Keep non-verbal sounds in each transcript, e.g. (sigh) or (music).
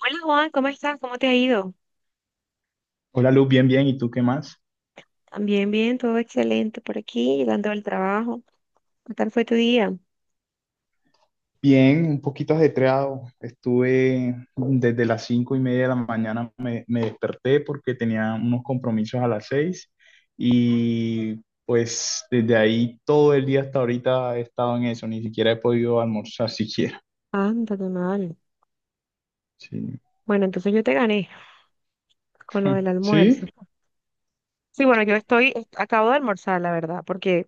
Hola Juan, ¿cómo estás? ¿Cómo te ha ido? Hola Luz, bien, bien. ¿Y tú qué más? También bien, todo excelente por aquí, llegando al trabajo. ¿Qué tal fue tu día? Bien, un poquito ajetreado. Estuve desde las cinco y media de la mañana, me desperté porque tenía unos compromisos a las seis y pues desde ahí todo el día hasta ahorita he estado en eso, ni siquiera he podido almorzar siquiera. Anda, qué mal. Sí, Bueno, entonces yo te gané con lo del almuerzo. sí. Sí, bueno, acabo de almorzar, la verdad, porque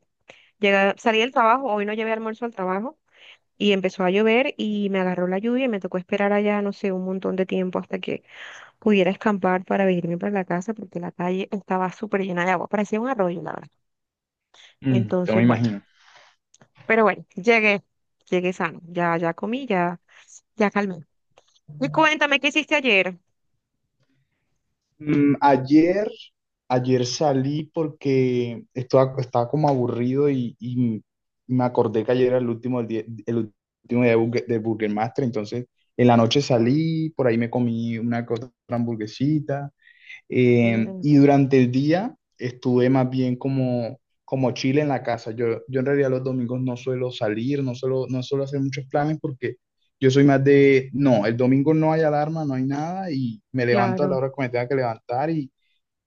salí del trabajo, hoy no llevé almuerzo al trabajo y empezó a llover y me agarró la lluvia y me tocó esperar allá, no sé, un montón de tiempo hasta que pudiera escampar para venirme para la casa porque la calle estaba súper llena de agua, parecía un arroyo, la verdad. Mm, te Entonces, me bueno. imagino. Pero bueno, llegué, llegué sano. Ya, ya comí, ya, ya calmé. Y cuéntame, ¿qué hiciste ayer? Mm, ayer, ayer salí porque estaba como aburrido y me acordé que ayer era el último día de, de Burger Master. Entonces en la noche salí, por ahí me comí una que otra hamburguesita Chévere. y durante el día estuve más bien como, como chile en la casa. Yo en realidad los domingos no suelo salir, no suelo hacer muchos planes porque yo soy más de, no, el domingo no hay alarma, no hay nada y me levanto a la Claro. hora que me tenga que levantar y,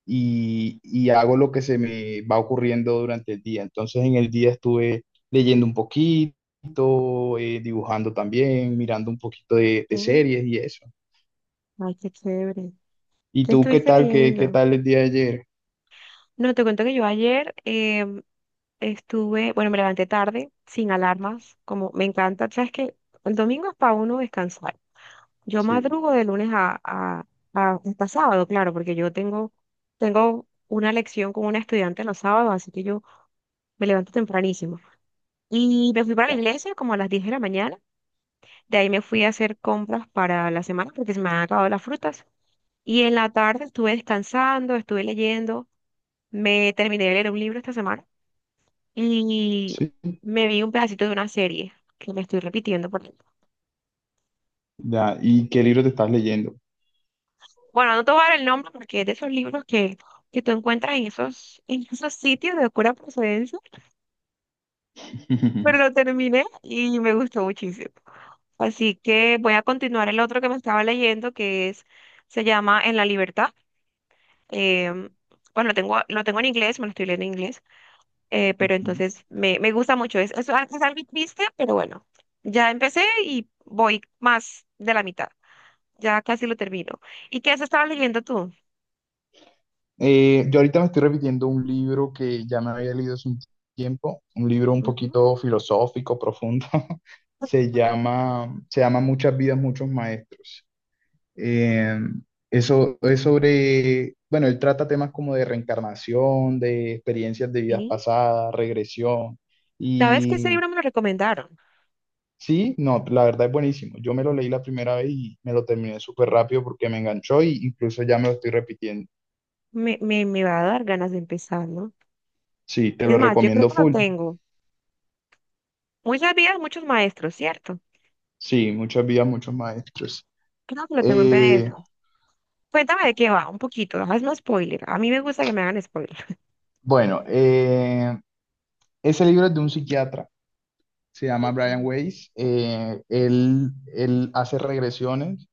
y, y hago lo que se me va ocurriendo durante el día. Entonces en el día estuve leyendo un poquito, dibujando también, mirando un poquito de Mm. series y eso. Ay, qué chévere. ¿Y ¿Qué tú qué estuviste tal? ¿Qué leyendo? tal el día de ayer? No, te cuento que yo ayer estuve, bueno, me levanté tarde, sin alarmas, como me encanta. Sabes que el domingo es para uno descansar. Yo Sí. madrugo de lunes hasta sábado, claro, porque tengo una lección con una estudiante los sábados, así que yo me levanto tempranísimo. Y me fui para la iglesia como a las 10 de la mañana. De ahí me fui a hacer compras para la semana porque se me han acabado las frutas. Y en la tarde estuve descansando, estuve leyendo. Me terminé de leer un libro esta semana y Sí, me vi un pedacito de una serie que me estoy repitiendo. Por ahí. ya. ¿Y qué libro te estás leyendo? Bueno, no te voy a dar el nombre porque es de esos libros que tú encuentras en esos sitios de oscura procedencia, pero lo (laughs) terminé y me gustó muchísimo. Así que voy a continuar el otro que me estaba leyendo se llama En la libertad. Em, bueno, lo tengo en inglés, me lo estoy leyendo en inglés, pero Ujú. entonces me gusta mucho. Es algo triste, pero bueno, ya empecé y voy más de la mitad. Ya casi lo termino. ¿Y qué has estado leyendo tú? Yo ahorita me estoy repitiendo un libro que ya me había leído hace un tiempo, un libro un Ujú. poquito filosófico, profundo. (laughs) Se llama Muchas vidas, muchos maestros. Eh, eso es sobre, bueno, él trata temas como de reencarnación, de experiencias de vidas Sí. pasadas, regresión. ¿Sabes qué ese Y libro me lo recomendaron? sí, no, la verdad es buenísimo. Yo me lo leí la primera vez y me lo terminé súper rápido porque me enganchó y incluso ya me lo estoy repitiendo. Me va a dar ganas de empezar, ¿no? Sí, te Es lo más, yo creo recomiendo que lo full. tengo. Muchas vidas, muchos maestros, ¿cierto? Sí, muchas vidas, muchos maestros. Creo que lo tengo en Eh, PDF. Cuéntame de qué va, un poquito, hazme spoiler. A mí me gusta que me hagan spoiler. bueno, eh, ese libro es de un psiquiatra, se llama Brian Ujú. Weiss. Él hace regresiones,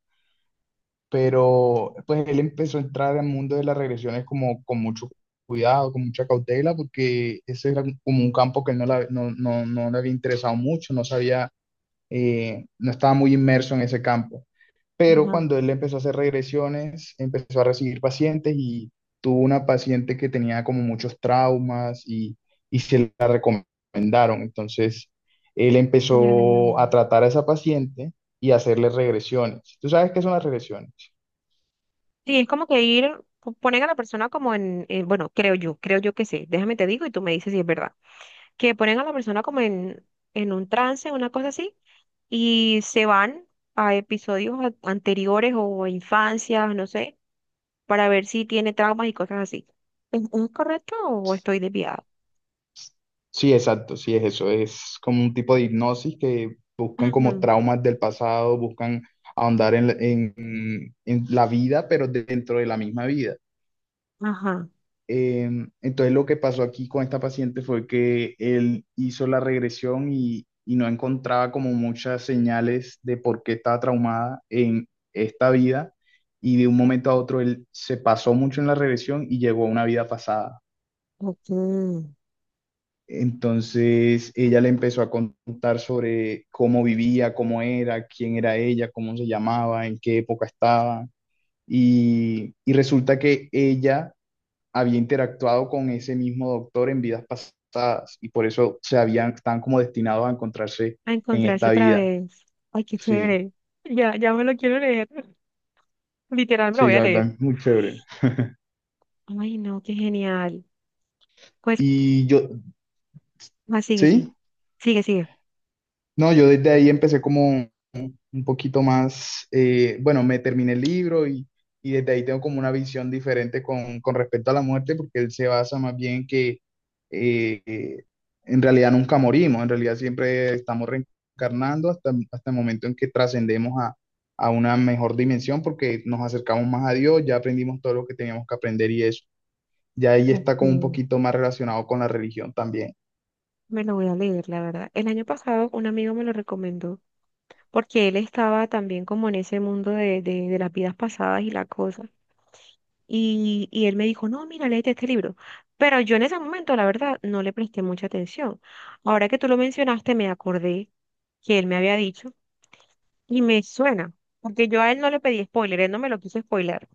pero pues él empezó a entrar al mundo de las regresiones como con mucho cuidado, con mucha cautela, porque ese era como un campo que él no, la- no, no, no le había interesado mucho, no sabía, no estaba muy inmerso en ese campo. Pero Ajá. cuando él empezó a hacer regresiones, empezó a recibir pacientes y tuvo una paciente que tenía como muchos traumas y se la recomendaron. Entonces, él Ya, empezó a ya. tratar a esa paciente y a hacerle regresiones. ¿Tú sabes qué son las regresiones? Sí, es como que ir, ponen a la persona como bueno, creo yo que sí, déjame te digo y tú me dices si es verdad, que ponen a la persona como en un trance, una cosa así, y se van a episodios anteriores o a infancias, no sé, para ver si tiene traumas y cosas así. Es correcto o estoy desviada? Sí, exacto, sí es eso, es como un tipo de hipnosis que buscan como Ujú. traumas del pasado, buscan ahondar en la vida, pero dentro de la misma vida. Ajá. Eh, entonces lo que pasó aquí con esta paciente fue que él hizo la regresión y no encontraba como muchas señales de por qué estaba traumada en esta vida y de un momento a otro él se pasó mucho en la regresión y llegó a una vida pasada. Ok. Entonces ella le empezó a contar sobre cómo vivía, cómo era, quién era ella, cómo se llamaba, en qué época estaba. Y resulta que ella había interactuado con ese mismo doctor en vidas pasadas y por eso se habían, están como destinados a encontrarse A en encontrarse esta otra vida. vez. Ay, qué Sí, chévere. Ya, ya me lo quiero leer. (laughs) Literal, me lo sí, voy a la leer. verdad es muy chévere. Ay, no, qué genial. Pues. Y yo, Ah, sigue, sigue. ¿sí? Sigue, sigue. No, yo desde ahí empecé como un poquito más, bueno, me terminé el libro y desde ahí tengo como una visión diferente con respecto a la muerte, porque él se basa más bien en que eh, eh, en realidad nunca morimos, en realidad siempre estamos reencarnando hasta, hasta el momento en que trascendemos a una mejor dimensión, porque nos acercamos más a Dios, ya aprendimos todo lo que teníamos que aprender y eso. Ya ahí está como un Ok. poquito más relacionado con la religión también. Me lo voy a leer, la verdad. El año pasado un amigo me lo recomendó porque él estaba también como en ese mundo de las vidas pasadas y la cosa. Y él me dijo, no, mira, léete este libro. Pero yo en ese momento, la verdad, no le presté mucha atención. Ahora que tú lo mencionaste, me acordé que él me había dicho y me suena, porque yo a él no le pedí spoiler, él no me lo quiso spoiler.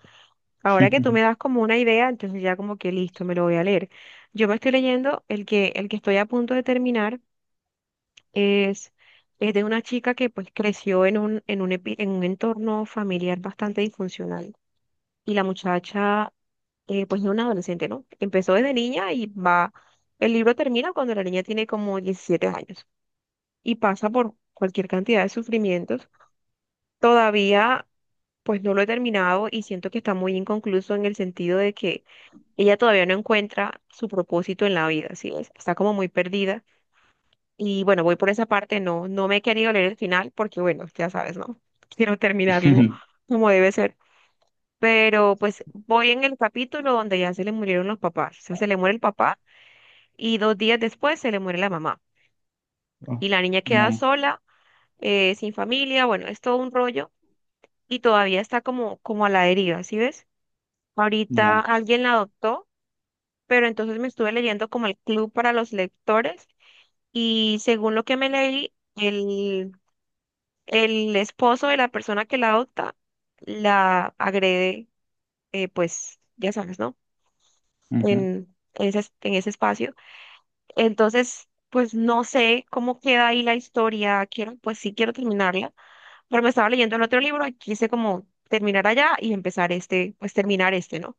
Ahora que tú me das (laughs) como una idea, entonces ya como que listo, me lo voy a leer. Yo me estoy leyendo el que estoy a punto de terminar es, es de una chica que pues creció en un entorno familiar bastante disfuncional. Y la muchacha, pues es una adolescente, ¿no? Empezó desde niña y va, el libro termina cuando la niña tiene como 17 años y pasa por cualquier cantidad de sufrimientos. Todavía. Pues no lo he terminado y siento que está muy inconcluso en el sentido de que ella todavía no encuentra su propósito en la vida, ¿sí? ves? Está como muy perdida. Y bueno, voy por esa parte, no me he querido leer el final porque bueno, ya sabes, ¿no? (laughs) Quiero terminarlo como debe ser. Pero pues voy en el capítulo donde ya se le murieron los papás. O sea, se le muere el papá y dos días después se le muere la mamá. Y la niña queda No, sola, sin familia, bueno, es todo un rollo y todavía está como, como a la deriva, ¿sí ves? Ahorita ya. alguien la adoptó, pero entonces me estuve leyendo como el club para los lectores y según lo que me leí, el esposo de la persona que la adopta la agrede, pues ya sabes, ¿no? Ujú, En ese espacio. Entonces, pues no sé cómo queda ahí la historia. Quiero, pues sí quiero terminarla, pero me estaba leyendo el otro libro y quise como terminar allá y empezar este, pues terminar este, ¿no?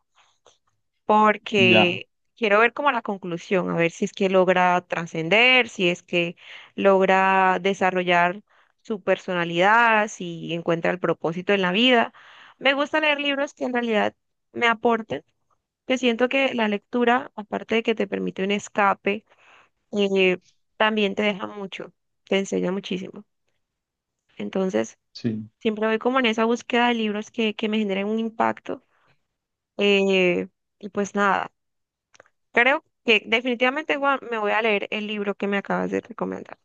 ya, Porque quiero ver como la conclusión, a ver si es que logra trascender, si es que logra desarrollar su personalidad, si encuentra el propósito en la vida. Me gusta leer libros que en realidad me aporten, que siento que la lectura, aparte de que te permite un escape, eh, también te deja mucho, te enseña muchísimo. Entonces, sí. siempre voy como en esa búsqueda de libros que me generen un impacto. eh, y pues nada. Creo que definitivamente Juan, me voy a leer el libro que me acabas de recomendar.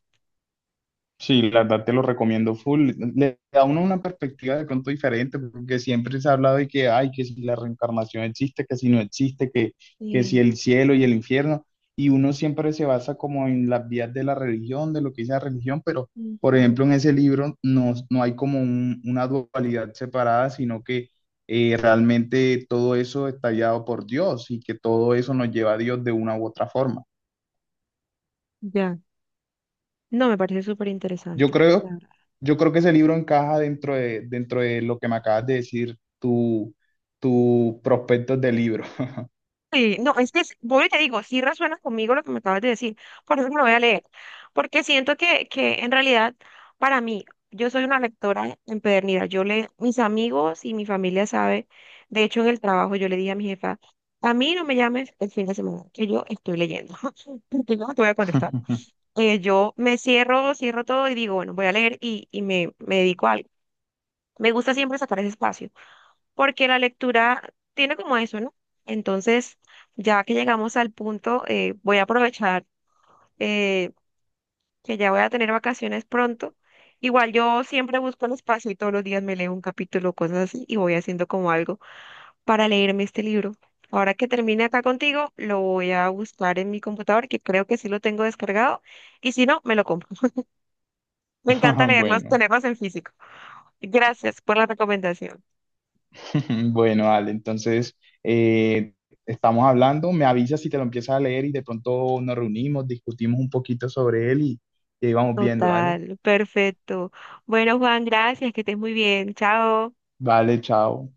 Sí, la verdad te lo recomiendo full. Le da a uno una perspectiva de pronto diferente, porque siempre se ha hablado de que, ay, que si la reencarnación existe, que si no existe, que si Sí. el cielo y el infierno, y uno siempre se basa como en las vías de la religión, de lo que dice la religión, pero, por Ujú. ejemplo, en ese libro no, una dualidad separada, sino que realmente todo eso está guiado por Dios y que todo eso nos lleva a Dios de una u otra forma. Ya. No, me parece súper interesante. Yo creo, Claro. yo creo que ese libro encaja dentro de lo que me acabas de decir, tu prospectos de libro. Sí, no, voy y te digo, sí resuena conmigo lo que me acabas de decir, por eso me lo voy a leer, porque siento que en realidad para mí, yo soy una lectora empedernida, yo le, mis amigos y mi familia sabe, de hecho en el trabajo yo le dije a mi jefa, a mí no me llames el fin de semana, que yo estoy leyendo, (laughs) porque yo no te voy a contestar. (laughs) Yo me cierro, cierro todo y digo, bueno, voy a leer y me dedico a algo. Me gusta siempre sacar ese espacio, porque la lectura tiene como eso, ¿no? Entonces, ya que llegamos al punto, voy a aprovechar eh, que ya voy a tener vacaciones pronto. Igual yo siempre busco el espacio y todos los días me leo un capítulo, cosas así, y voy haciendo como algo para leerme este libro. Ahora que termine acá contigo, lo voy a buscar en mi computador, que creo que sí lo tengo descargado, y si no, me lo compro. Me encanta leerlos, Bueno, tenerlos en físico. Gracias por la recomendación. (laughs) bueno, Ale, entonces eh, estamos hablando, me avisas si te lo empiezas a leer y de pronto nos reunimos, discutimos un poquito sobre él y ahí vamos viendo, dale. Total, perfecto. Bueno, Juan, gracias, que estés muy bien. Chao. Vale, chao.